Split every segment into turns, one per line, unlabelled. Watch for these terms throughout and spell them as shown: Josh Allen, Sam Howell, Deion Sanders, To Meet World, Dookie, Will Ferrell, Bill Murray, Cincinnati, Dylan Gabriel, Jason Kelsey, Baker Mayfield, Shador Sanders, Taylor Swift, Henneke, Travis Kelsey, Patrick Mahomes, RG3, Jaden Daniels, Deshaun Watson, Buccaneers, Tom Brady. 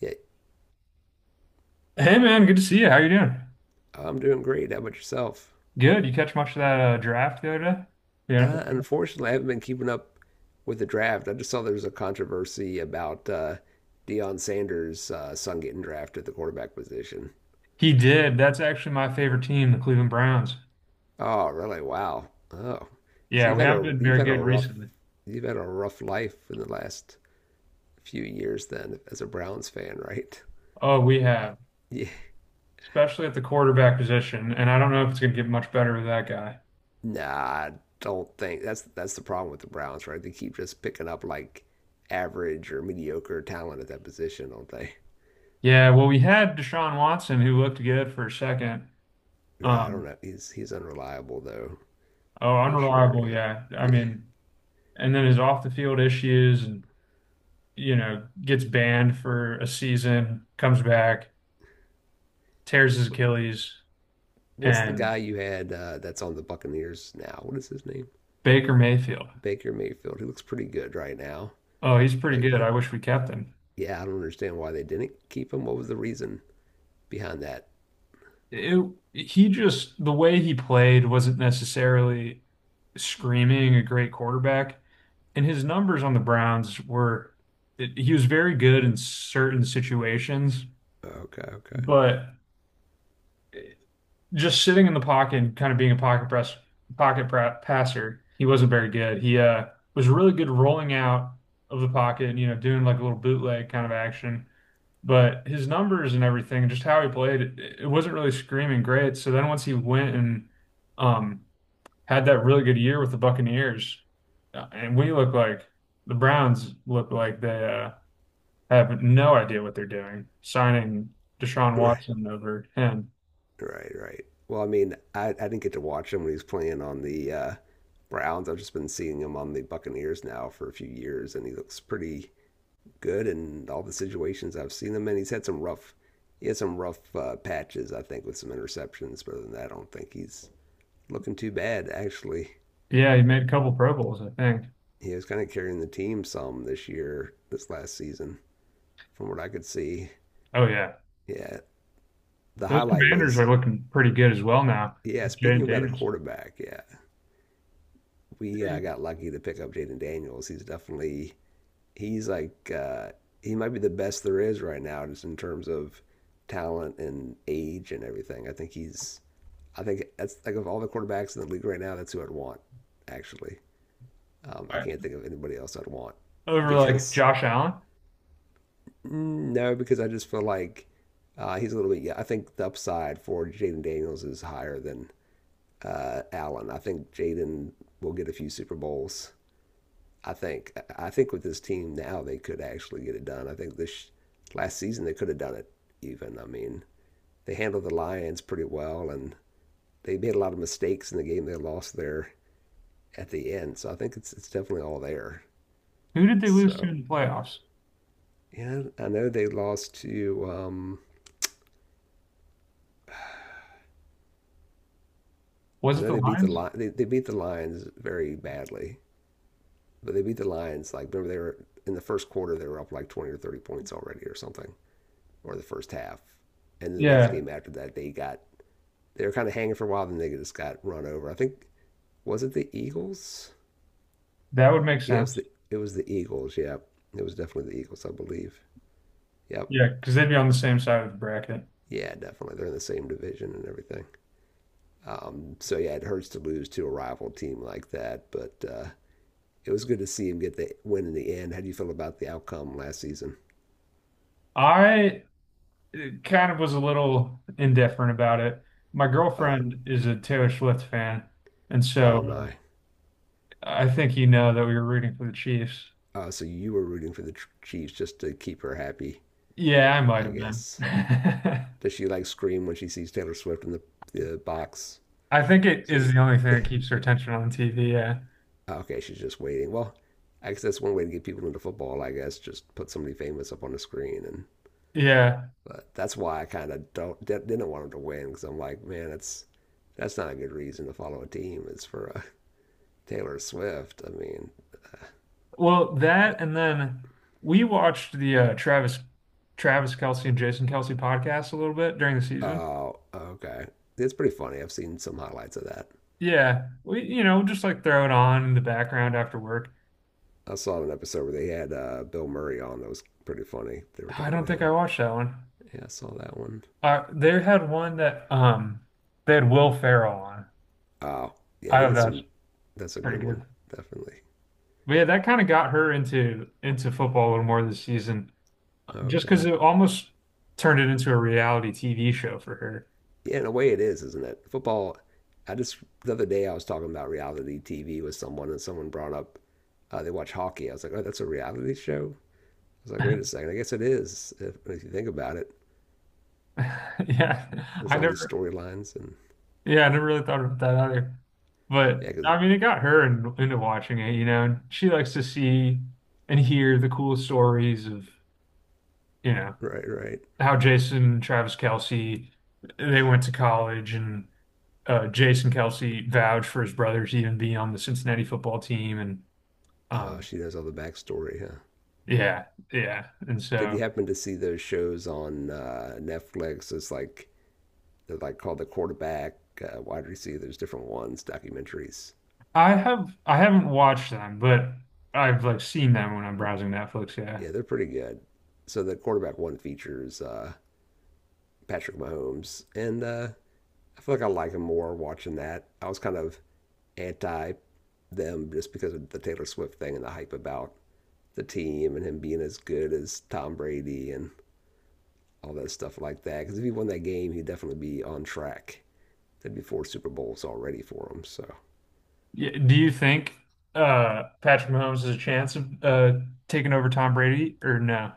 Yeah,
Hey man, good to see you. How you doing?
I'm doing great. How about yourself?
Good. You catch much of that draft the other day? The NFL draft?
Unfortunately, I haven't been keeping up with the draft. I just saw there was a controversy about Deion Sanders' son getting drafted at the quarterback position.
He did. That's actually my favorite team, the Cleveland Browns.
Oh, really? Wow. Oh, so
Yeah, we haven't been
you've
very
had a
good
rough
recently.
life in the last few years then as a Browns fan, right?
Oh, we have,
Yeah.
especially at the quarterback position, and I don't know if it's going to get much better with that guy.
Nah, I don't think that's the problem with the Browns, right? They keep just picking up like average or mediocre talent at that position, don't they?
Yeah, well, we had Deshaun Watson, who looked good for a second.
I don't
Um,
know. He's unreliable though,
oh,
for sure.
unreliable.
Yeah.
Yeah, I
Yeah.
mean, and then his off the field issues, and you know, gets banned for a season, comes back, tears his Achilles.
What's the
And
guy you had that's on the Buccaneers now? What is his name?
Baker Mayfield.
Baker Mayfield. He looks pretty good right now
Oh, he's pretty good.
lately.
I wish we kept him.
Yeah, I don't understand why they didn't keep him. What was the reason behind that?
It, he just, the way he played wasn't necessarily screaming a great quarterback. And his numbers on the Browns were, he was very good in certain situations,
Okay, okay.
but just sitting in the pocket and kind of being a passer, he wasn't very good. He was really good rolling out of the pocket and, you know, doing like a little bootleg kind of action. But his numbers and everything, and just how he played, it wasn't really screaming great. So then once he went and um, had that really good year with the Buccaneers, and we look like the Browns look like they have no idea what they're doing, signing Deshaun
Right,
Watson over him.
right, right. Well, I mean, I didn't get to watch him when he was playing on the Browns. I've just been seeing him on the Buccaneers now for a few years, and he looks pretty good in all the situations I've seen him in. He had some rough patches, I think, with some interceptions. But other than that, I don't think he's looking too bad. Actually,
Yeah, he made a couple Pro Bowls, I think.
he was kind of carrying the team some this year, this last season, from what I could see.
Oh yeah,
Yeah, the
those
highlight
Commanders
was.
are looking pretty good as well now
Yeah,
with
speaking
Jaden
about a
Daniels.
quarterback, yeah, we
Hey,
got lucky to pick up Jaden Daniels. He's definitely he's like uh, he might be the best there is right now, just in terms of talent and age and everything. I think that's like of all the quarterbacks in the league right now, that's who I'd want. Actually, I
all right.
can't think of anybody else I'd want
Over like
because
Josh Allen.
mm, no, because I just feel like he's a little bit. Yeah, I think the upside for Jaden Daniels is higher than Allen. I think Jaden will get a few Super Bowls. I think with this team now they could actually get it done. I think this last season they could have done it even. I mean, they handled the Lions pretty well and they made a lot of mistakes in the game they lost there at the end. So I think it's definitely all there.
Who did they lose to
So
in the playoffs?
yeah, I know they lost to
Was
I
it
know
the
they beat
Lions?
the they beat the Lions very badly, but they beat the Lions like, remember, they were in the first quarter they were up like 20 or 30 points already or something, or the first half. And the next
Yeah,
game after that they were kind of hanging for a while. Then they just got run over. I think was it the Eagles?
that would make
Yeah, it was
sense.
the Eagles. Yeah, it was definitely the Eagles, I believe. Yep.
Yeah, because they'd be on the same side of the bracket.
Yeah, definitely. They're in the same division and everything. So yeah, it hurts to lose to a rival team like that, but it was good to see him get the win in the end. How do you feel about the outcome last season?
I kind of was a little indifferent about it. My
Oh,
girlfriend is a Taylor Swift fan, and so
oh my.
I think you know that we were rooting for the Chiefs.
Oh, so you were rooting for the Chiefs just to keep her happy,
Yeah, I might
I
have been.
guess. Does she like scream when she sees Taylor Swift in the box
I think it is
seat?
the only thing that keeps her attention on TV. Yeah.
Okay, she's just waiting. Well, I guess that's one way to get people into football. I guess just put somebody famous up on the screen, and
Yeah.
but that's why I kind of don't didn't want him to win because I'm like, man, that's not a good reason to follow a team. It's for Taylor Swift. I mean,
Well,
but
that and then we watched the uh, Travis Kelsey and Jason Kelsey podcast a little bit during the season.
oh, okay, it's pretty funny. I've seen some highlights of that.
Yeah, we, you know, just like throw it on in the background after work.
I saw an episode where they had Bill Murray on. That was pretty funny. They were
I
talking
don't
to
think I
him.
watched that one.
Yeah, I saw that one.
They had one that they had Will Ferrell on.
Oh, yeah,
I
they
thought
get
that's
some. That's a
pretty
good one,
good.
definitely.
But yeah, that kind of got her into football a little more this season, just because
Okay.
it almost turned it into a reality TV show for her.
Yeah, in a way, it is, isn't it? Football. I just the other day I was talking about reality TV with someone, and someone brought up they watch hockey. I was like, oh, that's a reality show. I was like, wait a second, I guess it is. If you think about it,
Yeah,
there's
I
all these
never
storylines, and
yeah, I never really thought about that either.
yeah,
But
because
I mean, it got her into watching it. You know, and she likes to see and hear the cool stories of, you know,
right, right.
how Jason and Travis Kelsey, they went to college, and Jason Kelsey vouched for his brother to even be on the Cincinnati football team and um
She knows all the backstory, huh?
yeah yeah and
Did
so
you happen to see those shows on Netflix? It's like they're like called the quarterback, wide Receiver, there's different ones, documentaries.
I have, I haven't watched them, but I've like seen them when I'm browsing Netflix, yeah,
Yeah, they're pretty good. So the quarterback one features Patrick Mahomes, and I feel like I like him more watching that. I was kind of anti them just because of the Taylor Swift thing and the hype about the team and him being as good as Tom Brady and all that stuff like that. Because if he won that game, he'd definitely be on track. There'd be four Super Bowls already for him. So
yeah. Do you think Patrick Mahomes has a chance of taking over Tom Brady or no?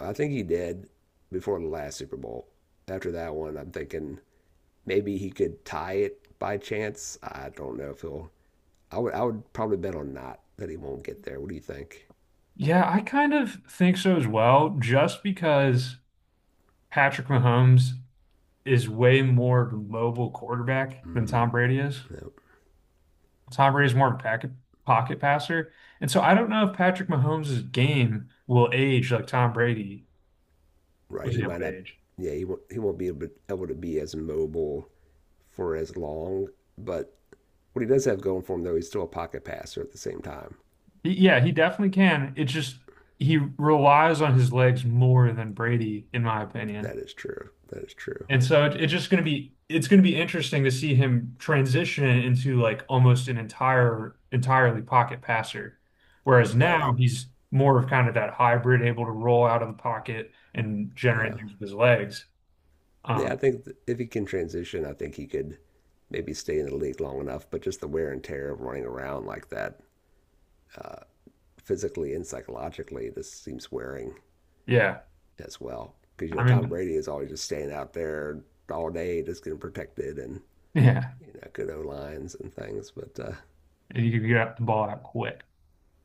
I think he did before the last Super Bowl. After that one, I'm thinking maybe he could tie it by chance. I don't know if he'll. I would probably bet on not that he won't get there. What do you think?
Yeah, I kind of think so as well just because Patrick Mahomes is way more of a mobile quarterback than Tom Brady is.
Yep.
Tom Brady is more of a pocket passer. And so I don't know if Patrick Mahomes' game will age like Tom Brady
Right?
was
He
able
might not.
to age.
Yeah, he won't. He won't be able to be as mobile for as long. But what he does have going for him, though, he's still a pocket passer at the same time.
Yeah, he definitely can. It's just he relies on his legs more than Brady, in my opinion.
That is true. That is true.
And so it's just going to be interesting to see him transition into like almost an entirely pocket passer. Whereas
Right.
now he's more of kind of that hybrid, able to roll out of the pocket and generate
Yeah.
things with his legs.
Yeah.
Um,
I think if he can transition, I think he could maybe stay in the league long enough. But just the wear and tear of running around like that, physically and psychologically, this seems wearing
yeah,
as well. Because you
I
know Tom
mean,
Brady is always just staying out there all day, just getting protected and
yeah,
you know, good O lines and things. But
you can get the ball out quick.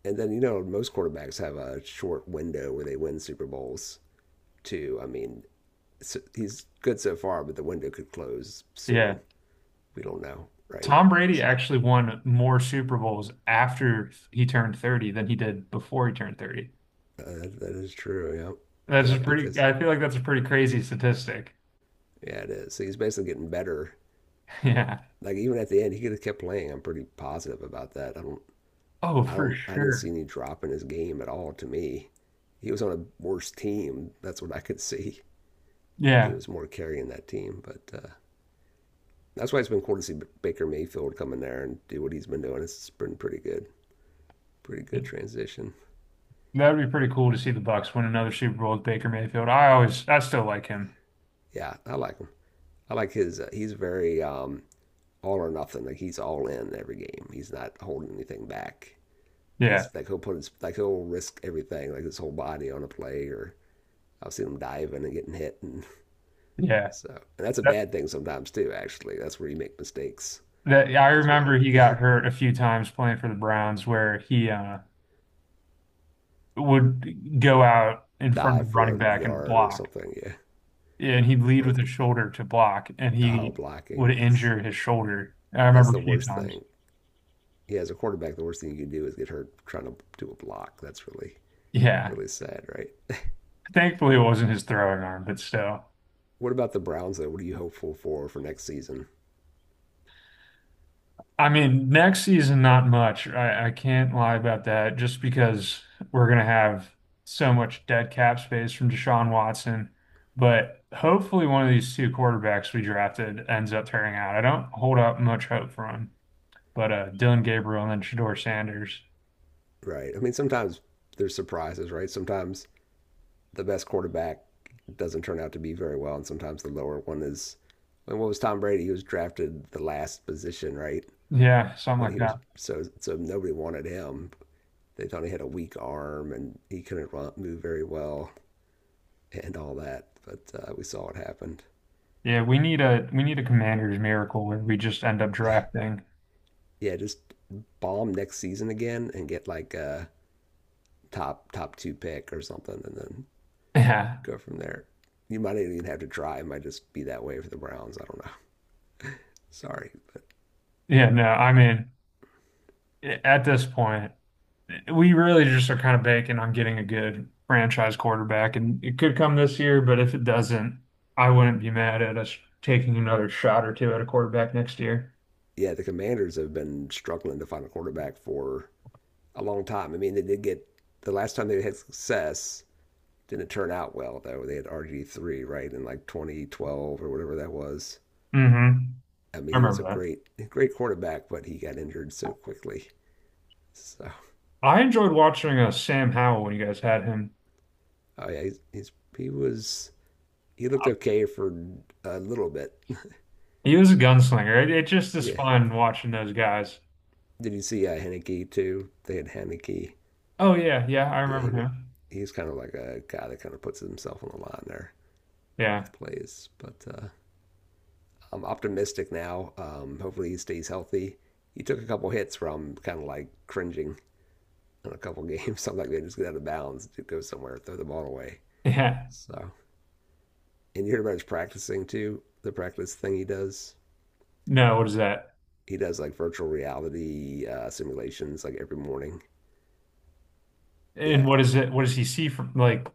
and then you know most quarterbacks have a short window where they win Super Bowls too. I mean, so he's good so far, but the window could close
Yeah,
soon. We don't know, right?
Tom Brady actually won more Super Bowls after he turned 30 than he did before he turned 30.
That is true. Yep.
That's a
Yep.
pretty,
Because
I feel like that's a pretty crazy statistic.
yeah, it is. So he's basically getting better.
Yeah.
Like even at the end, he could have kept playing. I'm pretty positive about that.
Oh,
I
for
don't. I didn't see
sure.
any drop in his game at all. To me, he was on a worse team. That's what I could see. He
Yeah.
was more carrying that team, but that's why it's been cool to see Baker Mayfield come in there and do what he's been doing. It's been pretty good, pretty good transition.
That would be pretty cool to see the Bucks win another Super Bowl with Baker Mayfield. I always, I still like him.
Yeah, I like him. I like his. He's very all or nothing. Like he's all in every game. He's not holding anything back.
Yeah.
He'll put his like he'll risk everything, like his whole body on a play. Or I've seen him diving and getting hit, and
Yeah.
so and that's a
That,
bad thing sometimes too. Actually, that's where you make mistakes
that I
as well.
remember he
Yeah,
got hurt a few times playing for the Browns where he would go out in front of
dive
the
for
running
a
back and
yard or
block.
something. Yeah,
And he'd lead
or
with his
block,
shoulder to block and
oh
he
blocking.
would injure his shoulder. I remember
That's the
a few
worst
times.
thing. Yeah, as a quarterback, the worst thing you can do is get hurt trying to do a block. That's really,
Yeah.
really sad, right?
Thankfully it wasn't his throwing arm, but still.
What about the Browns, though? What are you hopeful for next season,
I mean, next season, not much. I can't lie about that just because we're going to have so much dead cap space from Deshaun Watson. But hopefully, one of these two quarterbacks we drafted ends up tearing out. I don't hold up much hope for him, but Dylan Gabriel and then Shador Sanders.
right? I mean, sometimes there's surprises, right? Sometimes the best quarterback doesn't turn out to be very well, and sometimes the lower one is. And what was Tom Brady? He was drafted the last position, right?
Yeah, something
When
like
he was
that.
so nobody wanted him. They thought he had a weak arm and he couldn't move very well and all that. But we saw what happened.
Yeah, we need a commander's miracle where we just end up drafting.
Yeah, just bomb next season again and get like a top two pick or something, and then
Yeah.
go from there. You might not even have to try. It might just be that way for the Browns. I don't know. Sorry, but
Yeah, no, I mean, at this point, we really just are kind of banking on getting a good franchise quarterback, and it could come this year, but if it doesn't, I wouldn't be mad at us taking another shot or two at a quarterback next year.
yeah, the Commanders have been struggling to find a quarterback for a long time. I mean, they did get the last time they had success didn't turn out well though. They had RG three right in like 2012 or whatever that was.
Mm-hmm.
I mean,
I
he was
remember
a
that.
great great quarterback, but he got injured so quickly. So
I enjoyed watching Sam Howell when you guys had him.
oh yeah, he was. He looked okay for a little bit.
He was a gunslinger. It just is
Yeah.
fun watching those guys.
Did you see Henneke too? They had Henneke.
Oh yeah, yeah, I
Yeah,
remember
he was.
him.
He's kind of like a guy that kind of puts himself on the line there
Yeah,
with plays. But I'm optimistic now. Hopefully he stays healthy. He took a couple hits where I'm kind of like cringing in a couple games. So I'm like, man, just get out of bounds, dude, go somewhere, throw the ball away.
yeah.
So, and you heard about his practicing too. The practice thing he does.
No, what is that?
He does like virtual reality simulations like every morning.
And
Yeah,
what is it? What does he see from like?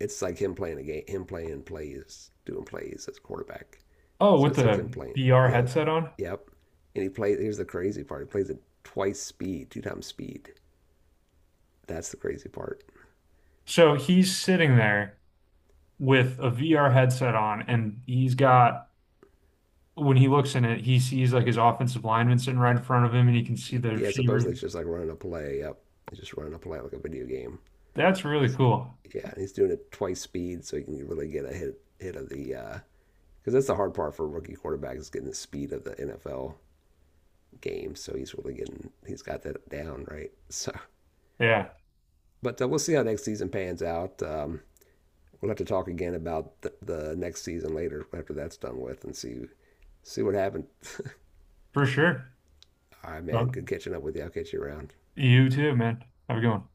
it's like him playing a game, him playing plays, doing plays as a quarterback.
Oh,
So
with
it's like him
the
playing.
VR
Yeah,
headset on.
yep. And he plays. Here's the crazy part. He plays at twice speed, two times speed. That's the crazy part.
So he's sitting there with a VR headset on, and he's got when he looks in it, he sees like his offensive lineman sitting right in front of him, and he can see the
Yeah, supposedly
receiver.
it's just like running a play. Yep, it's just running a play like a video game.
That's really cool.
Yeah, and he's doing it twice speed, so he can really get a hit of the. Because that's the hard part for rookie quarterbacks is getting the speed of the NFL game. So he's really getting he's got that down right. So,
Yeah,
but we'll see how next season pans out. We'll have to talk again about the next season later after that's done with and see what happened.
for sure.
All right, man.
Well,
Good catching up with you. I'll catch you around.
you too, man. Have a good one.